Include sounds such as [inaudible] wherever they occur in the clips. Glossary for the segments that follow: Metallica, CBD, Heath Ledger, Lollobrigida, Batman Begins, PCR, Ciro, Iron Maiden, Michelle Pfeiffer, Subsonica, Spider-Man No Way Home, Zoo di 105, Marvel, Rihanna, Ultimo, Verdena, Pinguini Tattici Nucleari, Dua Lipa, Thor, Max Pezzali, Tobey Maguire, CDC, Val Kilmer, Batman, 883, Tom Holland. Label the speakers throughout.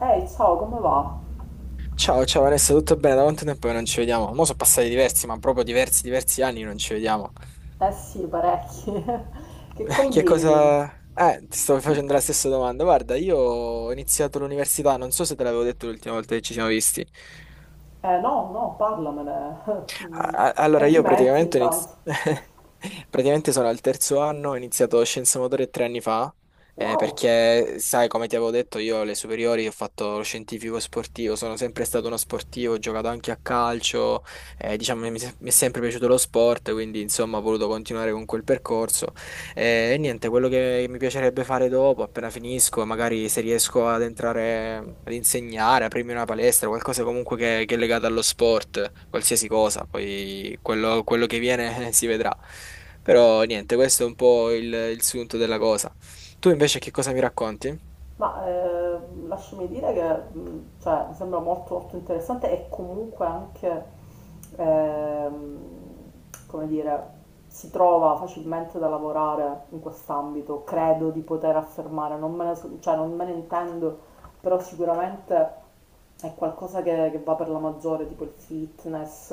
Speaker 1: Ehi, ciao, come va?
Speaker 2: Ciao, ciao Vanessa, tutto bene? Da quanto tempo che non ci vediamo? Mo' sono passati diversi, ma proprio diversi anni che non ci vediamo.
Speaker 1: Eh sì, parecchi. [laughs] Che
Speaker 2: [laughs] Che
Speaker 1: combini?
Speaker 2: cosa... ti stavo facendo la stessa domanda. Guarda, io ho iniziato l'università, non so se te l'avevo detto l'ultima volta che ci siamo visti.
Speaker 1: Eh no, no, parlamene. [laughs] Mm.
Speaker 2: Allora, io
Speaker 1: Complimenti
Speaker 2: praticamente,
Speaker 1: intanto.
Speaker 2: [laughs] praticamente sono al terzo anno, ho iniziato scienze motorie tre anni fa,
Speaker 1: Wow.
Speaker 2: perché sai, come ti avevo detto, io alle superiori ho fatto lo scientifico sportivo, sono sempre stato uno sportivo, ho giocato anche a calcio, diciamo, mi è sempre piaciuto lo sport, quindi insomma ho voluto continuare con quel percorso e niente, quello che mi piacerebbe fare dopo, appena finisco, magari se riesco ad entrare ad insegnare, aprirmi una palestra, qualcosa comunque che è legato allo sport, qualsiasi cosa, poi quello che viene [laughs] si vedrà. Però niente, questo è un po' il sunto della cosa. Tu invece che cosa mi racconti?
Speaker 1: Ma lasciami dire che cioè, mi sembra molto, molto interessante e comunque anche, ehm, come dire, si trova facilmente da lavorare in quest'ambito, credo di poter affermare, non me ne, so- cioè, non me ne intendo, però sicuramente è qualcosa che va per la maggiore, tipo il fitness,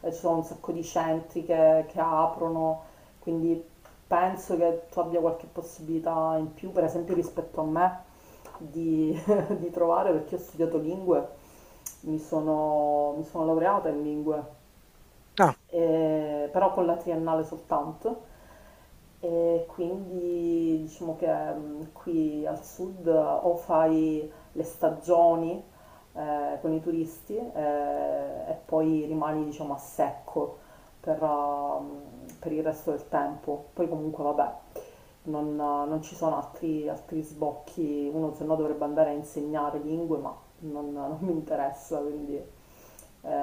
Speaker 1: ci sono un sacco di centri che aprono, quindi penso che tu abbia qualche possibilità in più, per esempio rispetto a me di, [laughs] di trovare perché ho studiato lingue, mi sono laureata in lingue
Speaker 2: Ah,
Speaker 1: però con la triennale soltanto. E quindi diciamo che qui al sud o fai le stagioni con i turisti e poi rimani diciamo a secco per, ehm, per il resto del tempo. Poi comunque vabbè, non ci sono altri sbocchi, uno se no dovrebbe andare a insegnare lingue, ma non mi interessa, quindi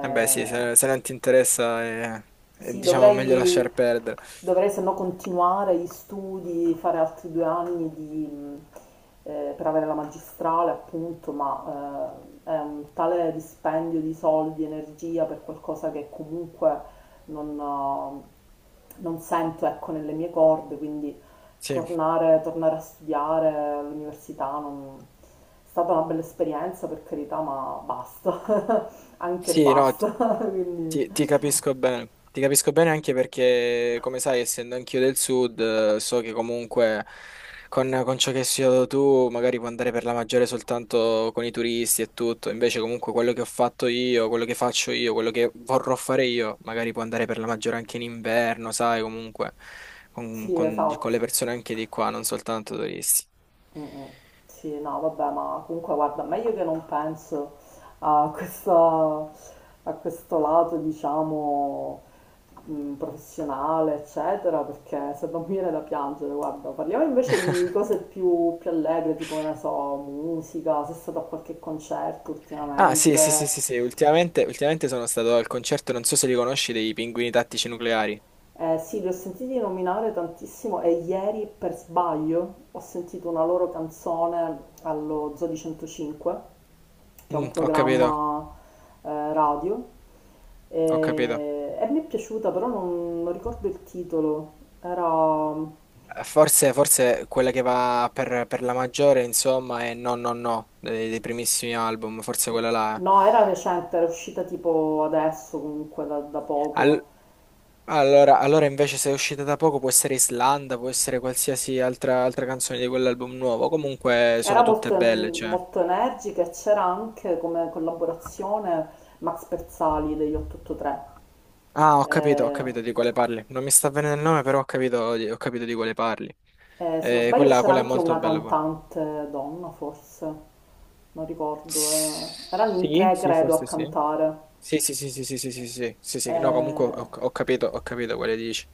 Speaker 2: eh beh sì, se non ti interessa è,
Speaker 1: sì,
Speaker 2: diciamo meglio
Speaker 1: dovrei,
Speaker 2: lasciar perdere.
Speaker 1: dovrei se no continuare gli studi, fare altri due anni di, per avere la magistrale, appunto, ma è un tale dispendio di soldi, energia per qualcosa che comunque non sento, ecco, nelle mie corde, quindi
Speaker 2: Sì,
Speaker 1: tornare a studiare all'università è stata una bella esperienza, per carità, ma basta, [laughs] anche
Speaker 2: sì, no.
Speaker 1: basta, [laughs] quindi
Speaker 2: Ti capisco bene, ti capisco bene anche perché, come sai, essendo anch'io del sud, so che comunque con ciò che hai studiato tu magari puoi andare per la maggiore soltanto con i turisti e tutto, invece comunque quello che ho fatto io, quello che faccio io, quello che vorrò fare io, magari può andare per la maggiore anche in inverno, sai, comunque con,
Speaker 1: sì,
Speaker 2: con le
Speaker 1: esatto.
Speaker 2: persone anche di qua, non soltanto turisti.
Speaker 1: Mm, mm. Sì, no, vabbè, ma comunque guarda, meglio che non penso a questa- a questo lato, diciamo, professionale, eccetera, perché se non mi viene da piangere, guarda, parliamo invece di cose più, più allegre, tipo, che ne so, musica, se sei stato a qualche concerto
Speaker 2: Ah, sì, sì, sì, sì,
Speaker 1: ultimamente.
Speaker 2: sì. Ultimamente sono stato al concerto, non so se li conosci, dei Pinguini Tattici Nucleari.
Speaker 1: Sì, li ho sentiti nominare tantissimo e ieri per sbaglio ho sentito una loro canzone allo Zoo di 105, che è un
Speaker 2: Mm, ho capito,
Speaker 1: programma radio,
Speaker 2: ho capito.
Speaker 1: e mi è piaciuta, però non ricordo il titolo. Era,
Speaker 2: Forse, forse quella che va per la maggiore, insomma, è No No No, dei primissimi album, forse quella là. Eh.
Speaker 1: no, era recente, era uscita tipo adesso comunque da poco.
Speaker 2: Al- allora invece se è uscita da poco può essere Islanda, può essere qualsiasi altra, altra canzone di quell'album nuovo, comunque
Speaker 1: Era
Speaker 2: sono tutte
Speaker 1: molto,
Speaker 2: belle, cioè.
Speaker 1: molto energica e c'era anche come collaborazione Max Pezzali degli 883.
Speaker 2: Ah, ho
Speaker 1: Eh,
Speaker 2: capito di quale parli. Non mi sta venendo il nome, però ho capito, ho capito di quale parli.
Speaker 1: se non sbaglio
Speaker 2: Quella,
Speaker 1: c'era
Speaker 2: quella è
Speaker 1: anche
Speaker 2: molto
Speaker 1: una
Speaker 2: bella pure.
Speaker 1: cantante donna, forse, non ricordo. Erano in
Speaker 2: Sì,
Speaker 1: tre,
Speaker 2: sì,
Speaker 1: credo, a
Speaker 2: forse sì.
Speaker 1: cantare.
Speaker 2: Sì, sì, sì, sì, sì, sì, sì, sì, sì, sì, sì. No, comunque
Speaker 1: Eh,
Speaker 2: ho, ho capito quale dici.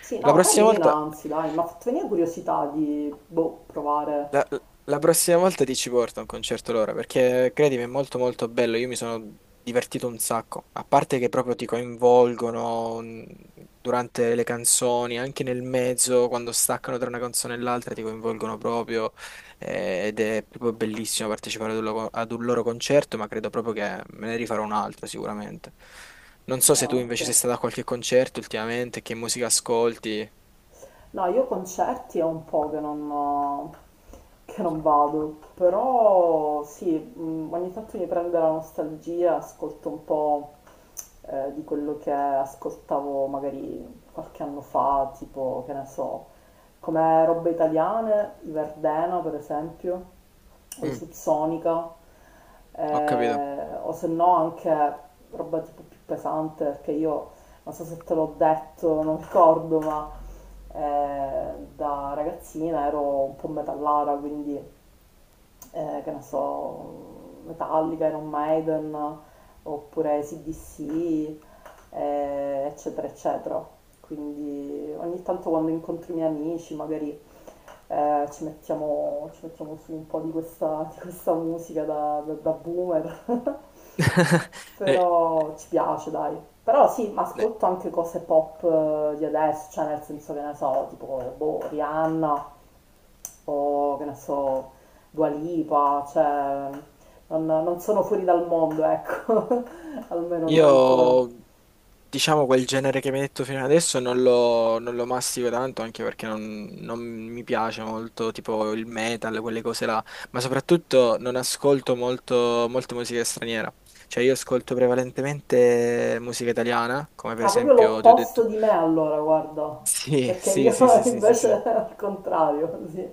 Speaker 1: sì,
Speaker 2: La
Speaker 1: no,
Speaker 2: prossima
Speaker 1: carina,
Speaker 2: volta.
Speaker 1: anzi, dai, mi ha fatto venire curiosità di, boh, provare.
Speaker 2: La, la prossima volta ti ci porto a un concerto loro, perché credimi, è molto molto bello, io mi sono divertito un sacco, a parte che proprio ti coinvolgono durante le canzoni, anche nel mezzo, quando staccano tra una canzone e l'altra, ti coinvolgono proprio ed è proprio bellissimo partecipare ad un, ad un loro concerto, ma credo proprio che me ne rifarò un altro sicuramente. Non so se
Speaker 1: Ah,
Speaker 2: tu
Speaker 1: ok.
Speaker 2: invece sei stato a qualche concerto ultimamente, che musica ascolti.
Speaker 1: No, io concerti è un po' che non vado, però sì, ogni tanto mi prende la nostalgia, ascolto un po' di quello che ascoltavo magari qualche anno fa, tipo, che ne so, come robe italiane, i Verdena per esempio, o i
Speaker 2: Mm,
Speaker 1: Subsonica,
Speaker 2: ho capito.
Speaker 1: o se no anche roba tipo più pesante, perché io non so se te l'ho detto, non ricordo, ma da ragazzina ero un po' metallata, quindi che ne so, Metallica, Iron Maiden, oppure CDC, eccetera, eccetera. Quindi ogni tanto quando incontro i miei amici magari ci mettiamo su un po' di questa musica da boomer,
Speaker 2: [laughs]
Speaker 1: [laughs]
Speaker 2: Eh,
Speaker 1: però ci piace, dai. Però sì, ma
Speaker 2: eh.
Speaker 1: ascolto anche cose pop di adesso, cioè nel senso che ne so, tipo boh, Rihanna, o che ne so, Dua Lipa, cioè non sono fuori dal mondo, ecco, [laughs] almeno non ancora.
Speaker 2: Io, diciamo, quel genere che mi hai detto fino adesso non lo mastico tanto, anche perché non, non mi piace molto, tipo il metal, quelle cose là, ma soprattutto non ascolto molto, molto musica straniera. Cioè, io ascolto prevalentemente musica italiana, come per
Speaker 1: Ah, proprio
Speaker 2: esempio ti ho detto...
Speaker 1: l'opposto di me
Speaker 2: [laughs]
Speaker 1: allora, guarda,
Speaker 2: Sì,
Speaker 1: perché
Speaker 2: sì,
Speaker 1: io
Speaker 2: sì,
Speaker 1: [laughs]
Speaker 2: sì, sì, sì,
Speaker 1: invece
Speaker 2: sì.
Speaker 1: al contrario, sì.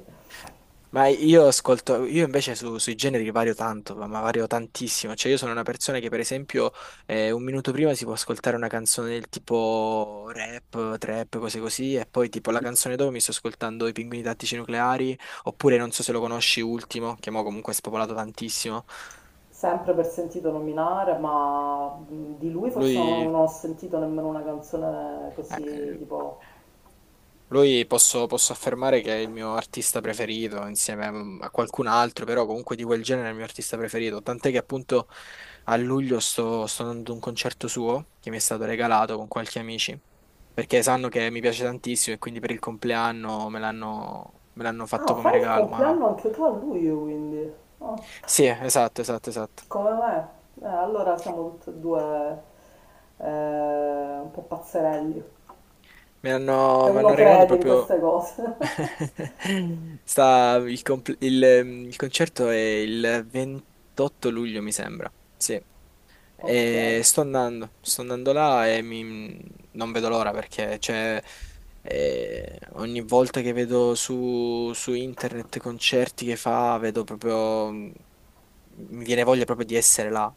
Speaker 2: Ma io ascolto, io invece sui generi vario tanto, ma vario tantissimo. Cioè, io sono una persona che, per esempio, un minuto prima si può ascoltare una canzone del tipo rap, trap, cose così, e poi tipo la canzone dopo mi sto ascoltando I Pinguini Tattici Nucleari, oppure non so se lo conosci, Ultimo, che mo comunque è spopolato tantissimo.
Speaker 1: Sempre per sentito nominare, ma di lui forse non,
Speaker 2: Lui.
Speaker 1: non ho sentito nemmeno una canzone così
Speaker 2: Eh,
Speaker 1: tipo.
Speaker 2: lui posso, posso affermare che è il mio artista preferito insieme a a qualcun altro, però comunque di quel genere è il mio artista preferito. Tant'è che appunto a luglio sto, sto andando a un concerto suo che mi è stato regalato con qualche amici, perché sanno che mi piace tantissimo e quindi per il compleanno me l'hanno
Speaker 1: Ah,
Speaker 2: fatto come
Speaker 1: fai il
Speaker 2: regalo. Ma
Speaker 1: compleanno anche tu a luglio, quindi. Ah.
Speaker 2: sì, esatto, esatto, esatto.
Speaker 1: Come me? Allora siamo tutti e due eh, un po' pazzerelli, se
Speaker 2: Mi
Speaker 1: uno
Speaker 2: hanno regalato
Speaker 1: crede in
Speaker 2: proprio.
Speaker 1: queste cose. [laughs]
Speaker 2: [laughs] Sta il concerto è il 28 luglio, mi sembra. Sì.
Speaker 1: Ok,
Speaker 2: E sto andando, là e non vedo l'ora perché cioè, ogni volta che vedo su, su internet concerti che fa, vedo proprio, mi viene voglia proprio di essere là.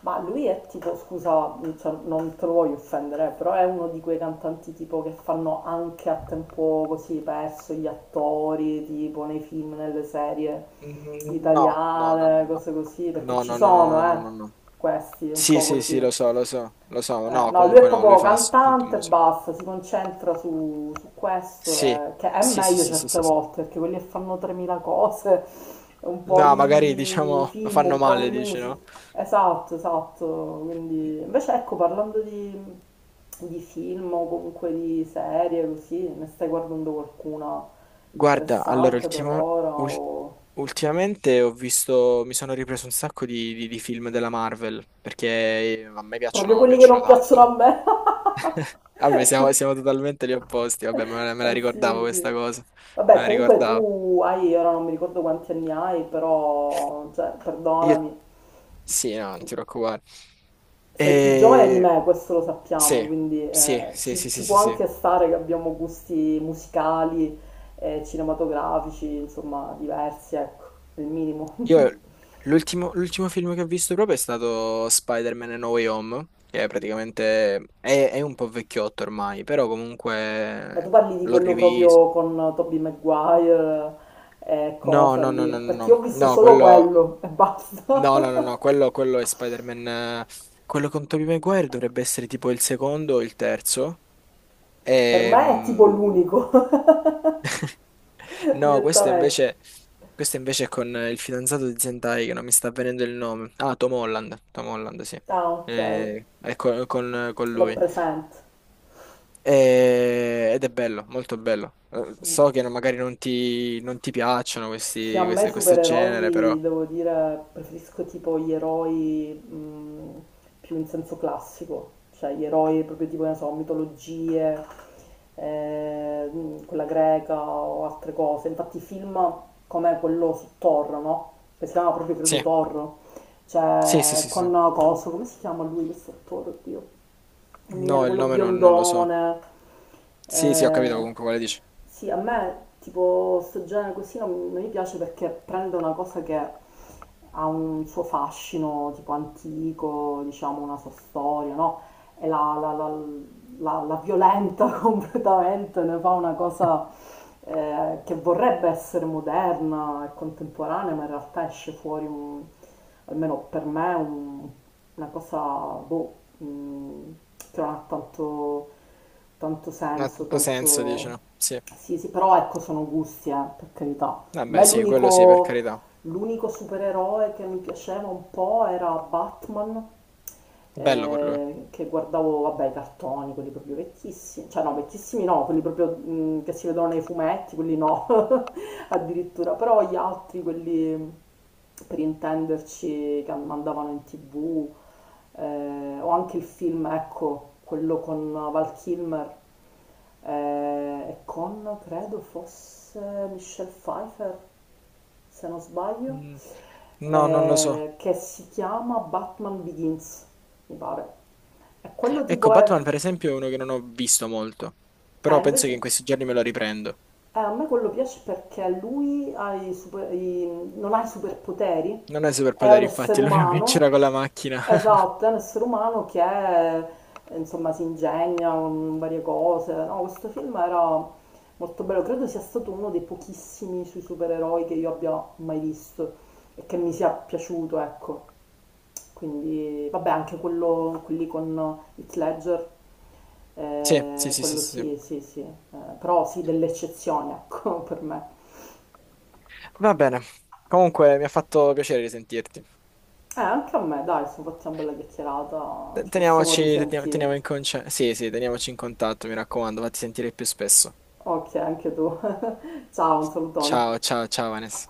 Speaker 1: ma lui è tipo, scusa, cioè, non te lo voglio offendere, però è uno di quei cantanti tipo che fanno anche a tempo così perso gli attori, tipo nei film, nelle serie
Speaker 2: Mm, no, no, no, no,
Speaker 1: italiane,
Speaker 2: no.
Speaker 1: cose così, perché
Speaker 2: No,
Speaker 1: ci
Speaker 2: no, no, no,
Speaker 1: sono,
Speaker 2: no, no, no, no.
Speaker 1: questi un
Speaker 2: Sì,
Speaker 1: po'
Speaker 2: sì, sì,
Speaker 1: così.
Speaker 2: lo so, lo so, lo so. No,
Speaker 1: No, lui è
Speaker 2: comunque no, lui
Speaker 1: proprio
Speaker 2: fa soltanto
Speaker 1: cantante e
Speaker 2: musica.
Speaker 1: basta, si concentra su questo,
Speaker 2: Sì,
Speaker 1: che è
Speaker 2: sì, sì,
Speaker 1: meglio
Speaker 2: sì, sì,
Speaker 1: certe
Speaker 2: sì, sì.
Speaker 1: volte, perché quelli che fanno 3000 cose, un po'
Speaker 2: No, magari
Speaker 1: di
Speaker 2: diciamo [laughs] lo
Speaker 1: film,
Speaker 2: fanno
Speaker 1: un po'
Speaker 2: male,
Speaker 1: di
Speaker 2: dici, no?
Speaker 1: musica. Esatto, esatto. Quindi, invece, ecco, parlando di film o comunque di serie, così, ne stai guardando qualcuna
Speaker 2: Guarda,
Speaker 1: interessante per ora?
Speaker 2: ul-
Speaker 1: O.
Speaker 2: ultimamente ho visto, mi sono ripreso un sacco di, di film della Marvel, perché a me
Speaker 1: Proprio
Speaker 2: piacciono, mi
Speaker 1: quelli che
Speaker 2: piacciono
Speaker 1: non piacciono
Speaker 2: tanto.
Speaker 1: a me?
Speaker 2: Vabbè, siamo,
Speaker 1: [laughs]
Speaker 2: siamo totalmente gli opposti, vabbè, me la
Speaker 1: Eh sì,
Speaker 2: ricordavo
Speaker 1: sì.
Speaker 2: questa cosa, me
Speaker 1: Vabbè,
Speaker 2: la
Speaker 1: comunque
Speaker 2: ricordavo.
Speaker 1: tu hai, ora non mi ricordo quanti anni hai, però, cioè,
Speaker 2: Io,
Speaker 1: perdonami,
Speaker 2: sì, no, non ti preoccupare.
Speaker 1: sei più giovane di
Speaker 2: E...
Speaker 1: me, questo lo sappiamo,
Speaker 2: Sì,
Speaker 1: quindi
Speaker 2: sì, sì,
Speaker 1: ci,
Speaker 2: sì, sì,
Speaker 1: ci può
Speaker 2: sì, sì.
Speaker 1: anche stare che abbiamo gusti musicali e cinematografici, insomma, diversi, ecco, il minimo. [laughs]
Speaker 2: Io l'ultimo film che ho visto proprio è stato Spider-Man No Way Home, che è praticamente è un po' vecchiotto ormai, però
Speaker 1: Ma
Speaker 2: comunque
Speaker 1: tu parli di
Speaker 2: l'ho
Speaker 1: quello
Speaker 2: rivisto.
Speaker 1: proprio con Tobey Maguire e
Speaker 2: No,
Speaker 1: cosa
Speaker 2: no, no,
Speaker 1: lì,
Speaker 2: no, no,
Speaker 1: perché io
Speaker 2: no,
Speaker 1: ho visto
Speaker 2: no,
Speaker 1: solo
Speaker 2: quello
Speaker 1: quello e
Speaker 2: no, no, no,
Speaker 1: basta.
Speaker 2: no,
Speaker 1: [laughs]
Speaker 2: quello è Spider-Man quello con Tobey Maguire dovrebbe essere tipo il secondo o il terzo.
Speaker 1: Per me è tipo
Speaker 2: Ehm,
Speaker 1: l'unico, [laughs]
Speaker 2: No,
Speaker 1: direttamente.
Speaker 2: questo invece è con il fidanzato di Zentai, che non mi sta venendo il nome. Ah, Tom Holland. Tom Holland, sì.
Speaker 1: Ah, ok,
Speaker 2: È con
Speaker 1: l'ho
Speaker 2: lui.
Speaker 1: presente.
Speaker 2: Ed è bello, molto bello. So che magari non ti, non ti piacciono
Speaker 1: Sì, a
Speaker 2: questi,
Speaker 1: me
Speaker 2: questo genere,
Speaker 1: supereroi,
Speaker 2: però.
Speaker 1: devo dire, preferisco tipo gli eroi più in senso classico, cioè gli eroi proprio tipo, ne so, mitologie, quella greca o altre cose. Infatti i film come quello su Thor, no? Che si chiama proprio,
Speaker 2: Sì,
Speaker 1: credo, Thor,
Speaker 2: sì, sì,
Speaker 1: cioè
Speaker 2: sì, sì.
Speaker 1: con Coso, come si chiama lui questo attore, oddio? mi
Speaker 2: No,
Speaker 1: viene
Speaker 2: il
Speaker 1: quello
Speaker 2: nome non, non lo so.
Speaker 1: biondone.
Speaker 2: Sì, sì, ho capito
Speaker 1: Eh,
Speaker 2: comunque quale dici.
Speaker 1: sì, a me tipo sto genere così non mi piace perché prende una cosa che ha un suo fascino tipo antico, diciamo una sua storia, no? E la violenta [laughs] completamente, ne fa una cosa che vorrebbe essere moderna e contemporanea, ma in realtà esce fuori, almeno per me, una cosa boh, mh, che non ha tanto, tanto
Speaker 2: Non ha
Speaker 1: senso,
Speaker 2: tutto senso, dici, no?
Speaker 1: tanto...
Speaker 2: Sì.
Speaker 1: Sì, sì, però ecco, sono gusti, per carità. Ma
Speaker 2: Vabbè,
Speaker 1: è
Speaker 2: sì, quello sì, per
Speaker 1: l'unico
Speaker 2: carità.
Speaker 1: L'unico supereroe che mi piaceva un po' era Batman,
Speaker 2: Bello per lui.
Speaker 1: che guardavo, vabbè, i cartoni, quelli proprio vecchissimi, cioè no, vecchissimi no, quelli proprio che si vedono nei fumetti, quelli no, [laughs] addirittura, però gli altri, quelli per intenderci, che mandavano in tv, o anche il film, ecco, quello con Val Kilmer e con, credo fosse Michelle Pfeiffer, se non sbaglio,
Speaker 2: Mm, no, non lo so.
Speaker 1: che si chiama Batman Begins, mi pare. E quello
Speaker 2: Ecco,
Speaker 1: tipo
Speaker 2: Batman
Speaker 1: è...
Speaker 2: per esempio è uno che non ho visto molto,
Speaker 1: Eh,
Speaker 2: però penso che
Speaker 1: invece,
Speaker 2: in questi giorni me lo riprendo.
Speaker 1: a me quello piace perché lui ha i super- i- non ha i superpoteri,
Speaker 2: Non è
Speaker 1: è
Speaker 2: superpoteri,
Speaker 1: un essere
Speaker 2: infatti, [laughs] è l'unico che
Speaker 1: umano.
Speaker 2: c'era con la macchina. [laughs]
Speaker 1: Esatto, è un essere umano che eh, insomma si ingegna con varie cose. No, questo film era molto bello, credo sia stato uno dei pochissimi sui supereroi che io abbia mai visto e che mi sia piaciuto, ecco. Quindi, vabbè, anche quello, quelli con Heath Ledger,
Speaker 2: Sì, sì, sì, sì,
Speaker 1: quello
Speaker 2: sì. Sì.
Speaker 1: sì, sì, sì. Però sì, delle eccezioni, [laughs] ecco, per me.
Speaker 2: Va bene. Comunque mi ha fatto piacere risentirti.
Speaker 1: Anche a me, dai, sono fatti una bella chiacchierata,
Speaker 2: Te-
Speaker 1: ci possiamo
Speaker 2: Teniamoci, teniamo, teniamo
Speaker 1: risentire.
Speaker 2: in conce- Sì, sì, teniamoci in contatto, mi raccomando, fatti sentire più spesso.
Speaker 1: Ok, anche tu. [laughs] Ciao, un salutone.
Speaker 2: Ciao, ciao, ciao, Vanessa.